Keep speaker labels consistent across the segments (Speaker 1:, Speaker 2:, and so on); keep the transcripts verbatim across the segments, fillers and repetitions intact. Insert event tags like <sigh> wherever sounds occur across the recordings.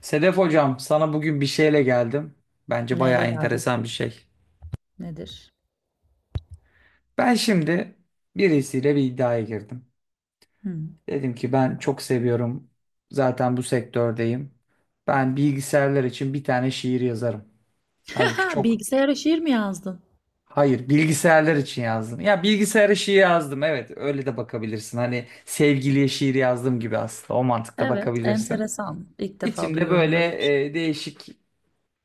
Speaker 1: Sedef hocam, sana bugün bir şeyle geldim. Bence bayağı
Speaker 2: Neyle geldin?
Speaker 1: enteresan bir şey.
Speaker 2: Nedir?
Speaker 1: Ben şimdi birisiyle bir iddiaya girdim.
Speaker 2: Hmm.
Speaker 1: Dedim ki ben çok seviyorum. Zaten bu sektördeyim. Ben bilgisayarlar için bir tane şiir yazarım. Halbuki
Speaker 2: <laughs>
Speaker 1: çok.
Speaker 2: Bilgisayara şiir mi yazdın?
Speaker 1: Hayır, bilgisayarlar için yazdım. Ya bilgisayara şiir yazdım. Evet, öyle de bakabilirsin. Hani sevgiliye şiir yazdım gibi aslında. O mantıkta
Speaker 2: Evet,
Speaker 1: bakabilirsin.
Speaker 2: enteresan. İlk defa
Speaker 1: İçinde
Speaker 2: duyuyorum
Speaker 1: böyle
Speaker 2: böyle bir şey.
Speaker 1: e, değişik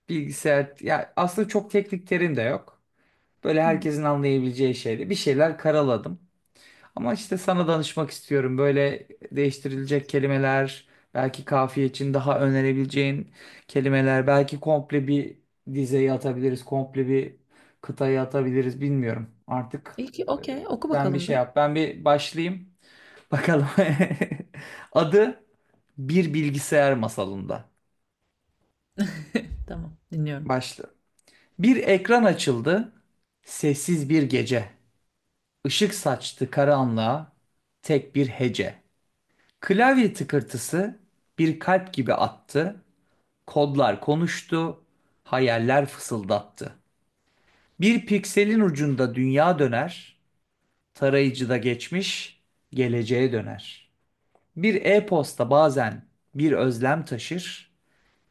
Speaker 1: bilgisayar ya aslında çok teknik terim de yok. Böyle
Speaker 2: Hmm.
Speaker 1: herkesin anlayabileceği şeyde bir şeyler karaladım. Ama işte sana danışmak istiyorum. Böyle değiştirilecek kelimeler, belki kafiye için daha önerebileceğin kelimeler, belki komple bir dizeyi atabiliriz, komple bir kıtayı atabiliriz bilmiyorum. Artık
Speaker 2: İyi ki,
Speaker 1: e,
Speaker 2: okey, oku
Speaker 1: sen bir
Speaker 2: bakalım
Speaker 1: şey
Speaker 2: bir.
Speaker 1: yap. Ben bir başlayayım. Bakalım. <laughs> Adı Bir Bilgisayar Masalında.
Speaker 2: <laughs> Tamam, dinliyorum.
Speaker 1: Başla. Bir ekran açıldı. Sessiz bir gece. Işık saçtı karanlığa tek bir hece. Klavye tıkırtısı bir kalp gibi attı. Kodlar konuştu, hayaller fısıldattı. Bir pikselin ucunda dünya döner, tarayıcıda geçmiş, geleceğe döner. Bir e-posta bazen bir özlem taşır,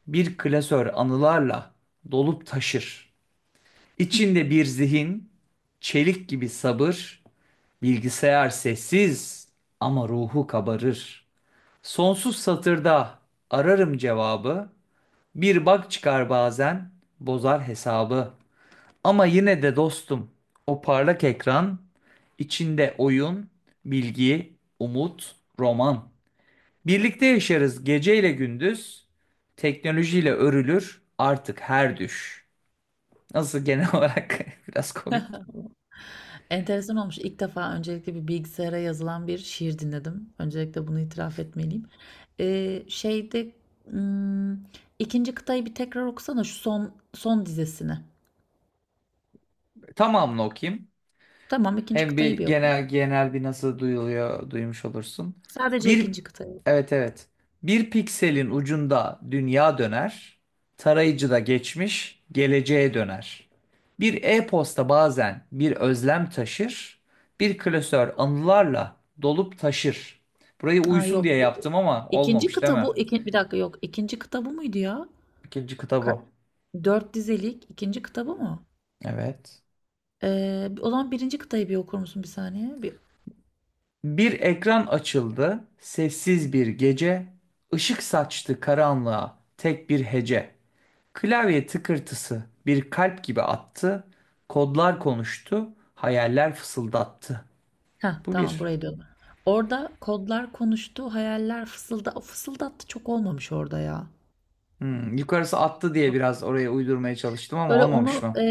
Speaker 1: bir klasör anılarla dolup taşır. İçinde bir zihin, çelik gibi sabır, bilgisayar sessiz ama ruhu kabarır. Sonsuz satırda ararım cevabı. Bir bak çıkar bazen bozar hesabı. Ama yine de dostum o parlak ekran içinde oyun, bilgi, umut, roman. Birlikte yaşarız geceyle gündüz. Teknolojiyle örülür artık her düş. Nasıl genel <laughs> olarak biraz komik.
Speaker 2: Tamam. Enteresan olmuş. İlk defa öncelikle bir bilgisayara yazılan bir şiir dinledim. Öncelikle bunu itiraf etmeliyim. Ee, şeyde hmm, ikinci kıtayı bir tekrar okusana şu son son dizesini.
Speaker 1: Tamamını okuyayım.
Speaker 2: Tamam, ikinci
Speaker 1: Hem bir
Speaker 2: kıtayı bir oku.
Speaker 1: genel genel bir nasıl duyuluyor duymuş olursun.
Speaker 2: Sadece
Speaker 1: Bir,
Speaker 2: ikinci kıtayı oku.
Speaker 1: evet evet. Bir pikselin ucunda dünya döner. Tarayıcıda geçmiş, geleceğe döner. Bir e-posta bazen bir özlem taşır. Bir klasör anılarla dolup taşır. Burayı
Speaker 2: Ha
Speaker 1: uysun diye
Speaker 2: yok. bu-
Speaker 1: yaptım ama
Speaker 2: İkinci
Speaker 1: olmamış değil
Speaker 2: kitabı
Speaker 1: mi?
Speaker 2: iki, bir dakika yok. İkinci kitabı mıydı ya?
Speaker 1: İkinci kitabı.
Speaker 2: Ka- Dört dizelik ikinci kitabı mı?
Speaker 1: Evet.
Speaker 2: Ee, o zaman birinci kıtayı bir okur musun bir saniye? Bir...
Speaker 1: Bir ekran açıldı, sessiz bir gece, ışık saçtı karanlığa tek bir hece. Klavye tıkırtısı bir kalp gibi attı. Kodlar konuştu, hayaller fısıldattı.
Speaker 2: Heh,
Speaker 1: Bu
Speaker 2: tamam
Speaker 1: bir.
Speaker 2: burayı diyorum. Orada kodlar konuştu, hayaller fısılda fısıldattı çok olmamış orada ya.
Speaker 1: Hmm, yukarısı attı diye biraz oraya uydurmaya çalıştım ama
Speaker 2: Böyle
Speaker 1: olmamış
Speaker 2: onu
Speaker 1: mı?
Speaker 2: e,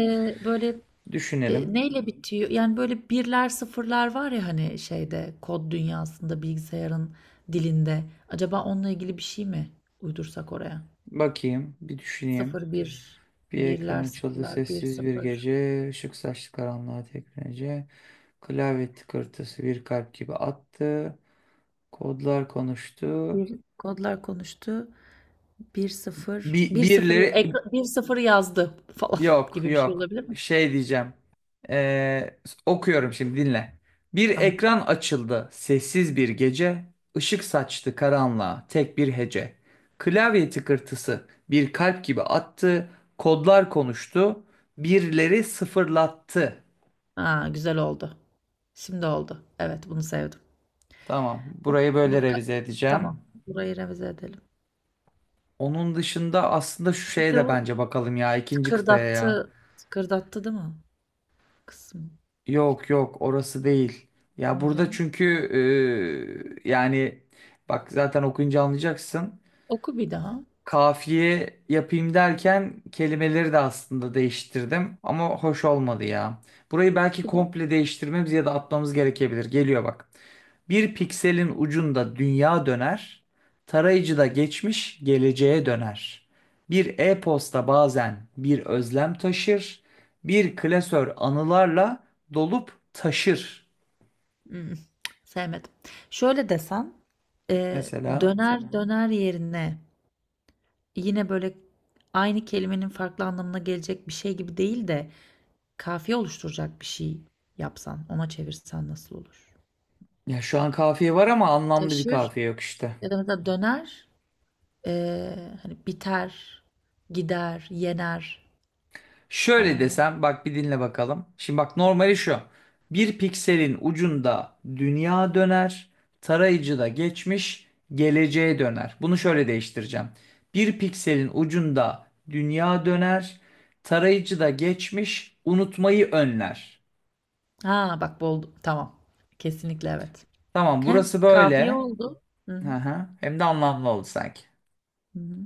Speaker 2: böyle
Speaker 1: Düşünelim.
Speaker 2: e, neyle bitiyor? Yani böyle birler sıfırlar var ya hani şeyde kod dünyasında bilgisayarın dilinde. Acaba onunla ilgili bir şey mi uydursak oraya?
Speaker 1: Bakayım, bir düşüneyim.
Speaker 2: Sıfır bir,
Speaker 1: Bir ekran
Speaker 2: birler
Speaker 1: açıldı
Speaker 2: sıfırlar, bir
Speaker 1: sessiz bir
Speaker 2: sıfır.
Speaker 1: gece. Işık saçlı karanlığa tekmece. Klavye tıkırtısı bir kalp gibi attı. Kodlar konuştu.
Speaker 2: Bir kodlar konuştu. Bir sıfır,
Speaker 1: Bi-
Speaker 2: bir sıfır,
Speaker 1: birileri.
Speaker 2: ekra- bir sıfır yazdı falan <laughs>
Speaker 1: Yok
Speaker 2: gibi bir şey
Speaker 1: yok.
Speaker 2: olabilir mi?
Speaker 1: Şey diyeceğim. Ee, okuyorum şimdi dinle. Bir
Speaker 2: Tamam.
Speaker 1: ekran açıldı. Sessiz bir gece. Işık saçtı karanlığa. Tek bir hece. Klavye tıkırtısı bir kalp gibi attı. Kodlar konuştu. Birleri sıfırlattı.
Speaker 2: Ha, güzel oldu. Şimdi oldu. Evet, bunu sevdim.
Speaker 1: Tamam. Burayı böyle
Speaker 2: Bu ka-
Speaker 1: revize edeceğim.
Speaker 2: tamam. Burayı revize edelim.
Speaker 1: Onun dışında aslında şu
Speaker 2: Bir
Speaker 1: şeye
Speaker 2: de
Speaker 1: de
Speaker 2: o
Speaker 1: bence bakalım ya, ikinci kıtaya ya.
Speaker 2: tıkırdattı, tıkırdattı değil mi? Kısım.
Speaker 1: Yok yok orası değil. Ya burada
Speaker 2: Neydi?
Speaker 1: çünkü e, yani bak zaten okuyunca anlayacaksın
Speaker 2: Oku bir daha.
Speaker 1: kafiye yapayım derken kelimeleri de aslında değiştirdim ama hoş olmadı ya. Burayı belki
Speaker 2: Bir daha.
Speaker 1: komple değiştirmemiz ya da atmamız gerekebilir. Geliyor bak. Bir pikselin ucunda dünya döner, tarayıcıda geçmiş geleceğe döner. Bir e-posta bazen bir özlem taşır, bir klasör anılarla dolup taşır.
Speaker 2: Hmm, Sevmedim. Şöyle desen, e,
Speaker 1: Mesela
Speaker 2: döner döner yerine yine böyle aynı kelimenin farklı anlamına gelecek bir şey gibi değil de kafiye oluşturacak bir şey yapsan, ona çevirsen nasıl olur?
Speaker 1: ya şu an kafiye var ama anlamlı bir
Speaker 2: Taşır
Speaker 1: kafiye yok işte.
Speaker 2: ya da mesela döner, eee, hani biter, gider, yener.
Speaker 1: Şöyle
Speaker 2: Aa,
Speaker 1: desem bak bir dinle bakalım. Şimdi bak normali şu. Bir pikselin ucunda dünya döner, tarayıcıda geçmiş, geleceğe döner. Bunu şöyle değiştireceğim. Bir pikselin ucunda dünya döner, tarayıcıda geçmiş, unutmayı önler.
Speaker 2: ha bak bu oldu. Tamam. Kesinlikle evet.
Speaker 1: Tamam
Speaker 2: Hem
Speaker 1: burası
Speaker 2: kafiye
Speaker 1: böyle.
Speaker 2: oldu. Hı
Speaker 1: Hı
Speaker 2: hı.
Speaker 1: hı. Hem de anlamlı oldu sanki.
Speaker 2: Hı hı.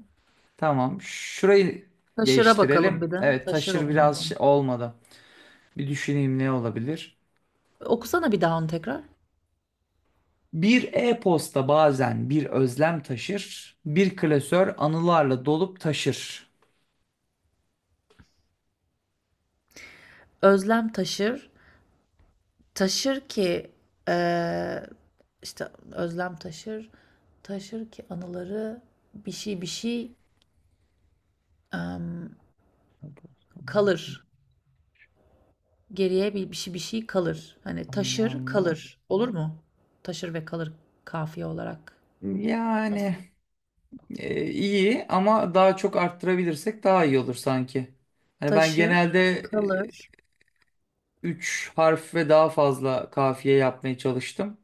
Speaker 1: Tamam şurayı
Speaker 2: Taşıra bakalım
Speaker 1: değiştirelim.
Speaker 2: bir de.
Speaker 1: Evet
Speaker 2: Taşır
Speaker 1: taşır biraz
Speaker 2: olmadı.
Speaker 1: şey olmadı. Bir düşüneyim ne olabilir?
Speaker 2: Okusana bir daha onu tekrar.
Speaker 1: Bir e-posta bazen bir özlem taşır, bir klasör anılarla dolup taşır.
Speaker 2: Özlem taşır, taşır ki eee, işte özlem taşır, taşır ki anıları bir şey bir şey em, kalır. Geriye bir, bir şey bir şey kalır. Hani taşır
Speaker 1: Anılarla.
Speaker 2: kalır. Olur mu? Taşır ve kalır kafiye olarak. Nasıl?
Speaker 1: Yani e, iyi ama daha çok arttırabilirsek daha iyi olur sanki. Hani ben
Speaker 2: Taşır
Speaker 1: genelde
Speaker 2: kalır.
Speaker 1: e, üç harf ve daha fazla kafiye yapmaya çalıştım.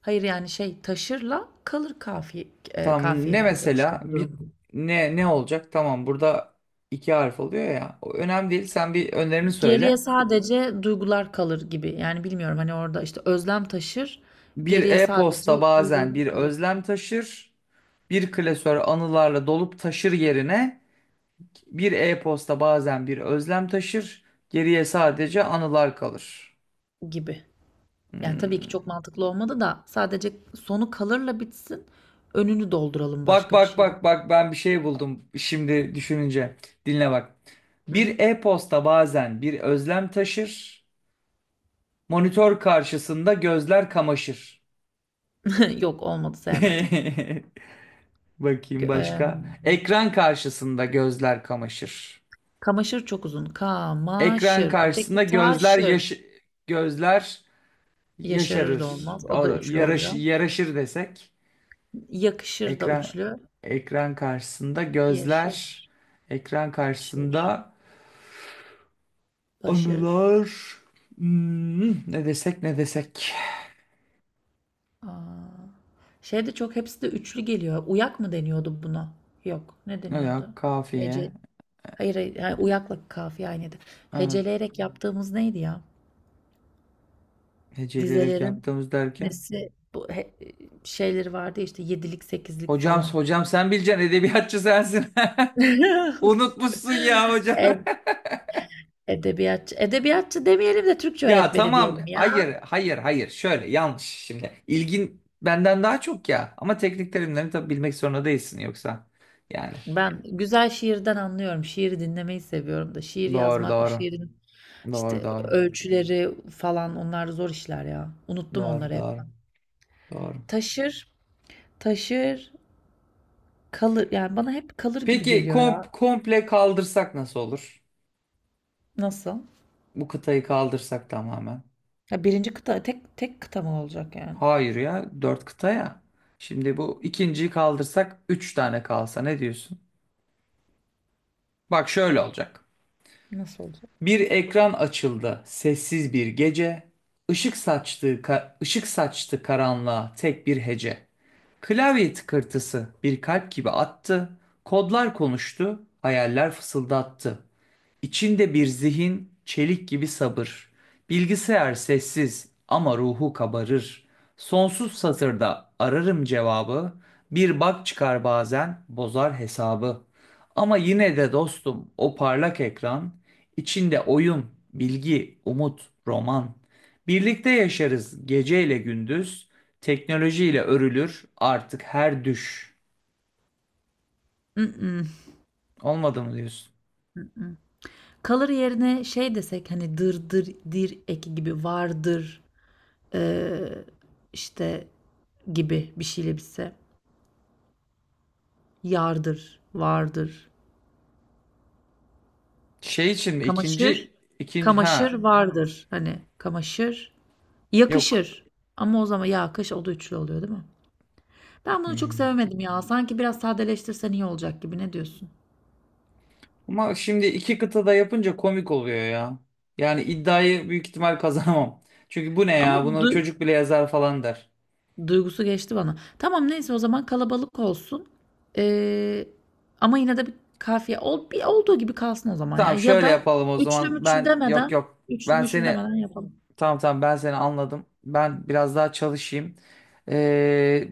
Speaker 2: Hayır yani şey taşırla kalır kafiye, e,
Speaker 1: Tamam ne
Speaker 2: kafiyeli olacak işte
Speaker 1: mesela
Speaker 2: bu
Speaker 1: bir
Speaker 2: durum.
Speaker 1: ne ne olacak? Tamam burada iki harf oluyor ya. O önemli değil. Sen bir önerini
Speaker 2: Geriye
Speaker 1: söyle.
Speaker 2: sadece duygular kalır gibi. Yani bilmiyorum hani orada işte özlem taşır,
Speaker 1: Bir
Speaker 2: geriye sadece
Speaker 1: e-posta bazen bir
Speaker 2: duygular kalır.
Speaker 1: özlem taşır, bir klasör anılarla dolup taşır yerine bir e-posta bazen bir özlem taşır, geriye sadece anılar kalır.
Speaker 2: Gibi. Yani, tabii ki çok
Speaker 1: Hmm.
Speaker 2: mantıklı olmadı da sadece sonu kalırla bitsin, önünü dolduralım
Speaker 1: Bak
Speaker 2: başka bir
Speaker 1: bak
Speaker 2: şeyle.
Speaker 1: bak bak ben bir şey buldum şimdi düşününce. Dinle bak.
Speaker 2: Hı hı.
Speaker 1: Bir e-posta bazen bir özlem taşır, monitör karşısında gözler kamaşır.
Speaker 2: <laughs> Yok, olmadı, sevmedim.
Speaker 1: <laughs>
Speaker 2: Gö
Speaker 1: Bakayım
Speaker 2: emm,
Speaker 1: başka. Ekran karşısında gözler kamaşır.
Speaker 2: Kamaşır çok uzun.
Speaker 1: Ekran
Speaker 2: Kamaşır.
Speaker 1: karşısında
Speaker 2: Öteki
Speaker 1: gözler
Speaker 2: taşır.
Speaker 1: yaş, gözler
Speaker 2: Yaşarır da
Speaker 1: yaşarır.
Speaker 2: olmaz. O
Speaker 1: O,
Speaker 2: da üçlü
Speaker 1: yaraş
Speaker 2: oluyor.
Speaker 1: yaraşır desek.
Speaker 2: Yakışır da
Speaker 1: Ekran
Speaker 2: üçlü.
Speaker 1: ekran karşısında gözler,
Speaker 2: Yaşır,
Speaker 1: ekran
Speaker 2: taşır,
Speaker 1: karşısında
Speaker 2: başır.
Speaker 1: anılar. Hmm, ne desek ne desek.
Speaker 2: A! Şey de çok hepsi de üçlü geliyor. Uyak mı deniyordu buna? Yok. Ne
Speaker 1: Ya
Speaker 2: deniyordu?
Speaker 1: kafiye.
Speaker 2: Hece Hayır, hayır, ha, uyakla kafiye aynıydı.
Speaker 1: Evet.
Speaker 2: Heceleyerek yaptığımız neydi ya?
Speaker 1: Heceleyerek
Speaker 2: Dizelerin
Speaker 1: yaptığımız derken.
Speaker 2: nesi bu he- şeyleri vardı ya işte yedilik sekizlik
Speaker 1: Hocam
Speaker 2: falan.
Speaker 1: hocam sen bileceksin edebiyatçı sensin. <laughs>
Speaker 2: <laughs>
Speaker 1: Unutmuşsun ya hocam.
Speaker 2: E- Edebiyatçı, edebiyatçı demeyelim de Türkçe
Speaker 1: Ya
Speaker 2: öğretmeni
Speaker 1: tamam
Speaker 2: diyelim
Speaker 1: hayır
Speaker 2: ya.
Speaker 1: hayır hayır şöyle yanlış şimdi ilgin benden daha çok ya ama teknik terimlerini tabii bilmek zorunda değilsin yoksa yani
Speaker 2: Ben güzel şiirden anlıyorum. Şiiri dinlemeyi seviyorum da. Şiir
Speaker 1: doğru
Speaker 2: yazmak, o
Speaker 1: doğru
Speaker 2: şiirin
Speaker 1: doğru
Speaker 2: işte
Speaker 1: doğru
Speaker 2: ölçüleri falan onlar zor işler ya. Unuttum
Speaker 1: doğru
Speaker 2: onları hep
Speaker 1: doğru
Speaker 2: ben.
Speaker 1: doğru.
Speaker 2: Taşır, taşır, kalır. Yani bana hep kalır gibi
Speaker 1: Peki
Speaker 2: geliyor
Speaker 1: kom-
Speaker 2: ya.
Speaker 1: komple kaldırsak nasıl olur?
Speaker 2: Nasıl?
Speaker 1: Bu kıtayı kaldırsak tamamen.
Speaker 2: Ya birinci kıta tek tek kıta mı olacak yani?
Speaker 1: Hayır ya dört kıta ya. Şimdi bu ikinciyi kaldırsak üç tane kalsa ne diyorsun? Bak şöyle olacak.
Speaker 2: Nasıl olacak?
Speaker 1: Bir ekran açıldı, sessiz bir gece. Işık saçtı ka- ışık saçtı karanlığa tek bir hece. Klavye tıkırtısı bir kalp gibi attı. Kodlar konuştu, hayaller fısıldattı. İçinde bir zihin, çelik gibi sabır. Bilgisayar sessiz ama ruhu kabarır. Sonsuz satırda ararım cevabı. Bir bak çıkar bazen bozar hesabı. Ama yine de dostum o parlak ekran, içinde oyun, bilgi, umut, roman. Birlikte yaşarız geceyle gündüz. Teknolojiyle örülür artık her düş.
Speaker 2: Mm-mm,
Speaker 1: Olmadı mı diyorsun?
Speaker 2: mm-mm. Kalır yerine şey desek hani dırdır dir eki gibi vardır eee, işte gibi bir şeyle bitse. Yardır, vardır.
Speaker 1: Şey için mi?
Speaker 2: Kamaşır,
Speaker 1: İkinci ikinci,
Speaker 2: kamaşır
Speaker 1: ha,
Speaker 2: vardır. Hani kamaşır,
Speaker 1: yok.
Speaker 2: yakışır. Ama o zaman yakış o da üçlü oluyor değil mi? Ben bunu çok
Speaker 1: Hmm.
Speaker 2: sevemedim ya. Sanki biraz sadeleştirsen iyi olacak gibi. Ne diyorsun?
Speaker 1: Ama şimdi iki kıtada yapınca komik oluyor ya. Yani iddiayı büyük ihtimal kazanamam. <laughs> Çünkü bu ne
Speaker 2: Ama
Speaker 1: ya? Bunu
Speaker 2: du-
Speaker 1: çocuk bile yazar falan der.
Speaker 2: Duygusu geçti bana. Tamam neyse o zaman kalabalık olsun. Ee, Ama yine de bir kafiye ol, bir olduğu gibi kalsın o zaman ya.
Speaker 1: Tamam
Speaker 2: Ya
Speaker 1: şöyle
Speaker 2: da
Speaker 1: yapalım o
Speaker 2: üçlü
Speaker 1: zaman.
Speaker 2: müçlü
Speaker 1: Ben yok
Speaker 2: demeden,
Speaker 1: yok.
Speaker 2: üçlü
Speaker 1: Ben
Speaker 2: müçlü
Speaker 1: seni,
Speaker 2: demeden yapalım.
Speaker 1: tamam tamam ben seni anladım. Ben biraz daha çalışayım. Ee,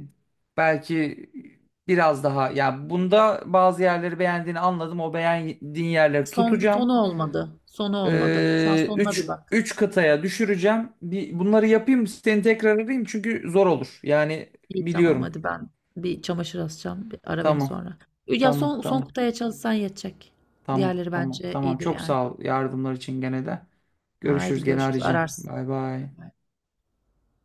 Speaker 1: belki biraz daha, ya bunda bazı yerleri beğendiğini anladım. O beğendiğin yerleri
Speaker 2: Son, sonu
Speaker 1: tutacağım.
Speaker 2: olmadı. Sonu olmadı. Sen
Speaker 1: Ee,
Speaker 2: sonuna bir
Speaker 1: üç,
Speaker 2: bak.
Speaker 1: üç kıtaya düşüreceğim. Bir, bunları yapayım seni tekrar arayayım çünkü zor olur. Yani
Speaker 2: İyi tamam
Speaker 1: biliyorum.
Speaker 2: hadi ben bir çamaşır asacağım. Bir ara beni
Speaker 1: Tamam.
Speaker 2: sonra. Ya
Speaker 1: Tamam.
Speaker 2: son, son
Speaker 1: Tamam.
Speaker 2: kutuya çalışsan yetecek.
Speaker 1: Tamam.
Speaker 2: Diğerleri
Speaker 1: Tamam.
Speaker 2: bence
Speaker 1: Tamam.
Speaker 2: iyidir
Speaker 1: Çok
Speaker 2: yani.
Speaker 1: sağ ol yardımlar için gene de.
Speaker 2: Haydi
Speaker 1: Görüşürüz gene
Speaker 2: görüşürüz.
Speaker 1: arayacağım.
Speaker 2: Ararsın.
Speaker 1: Bay bay.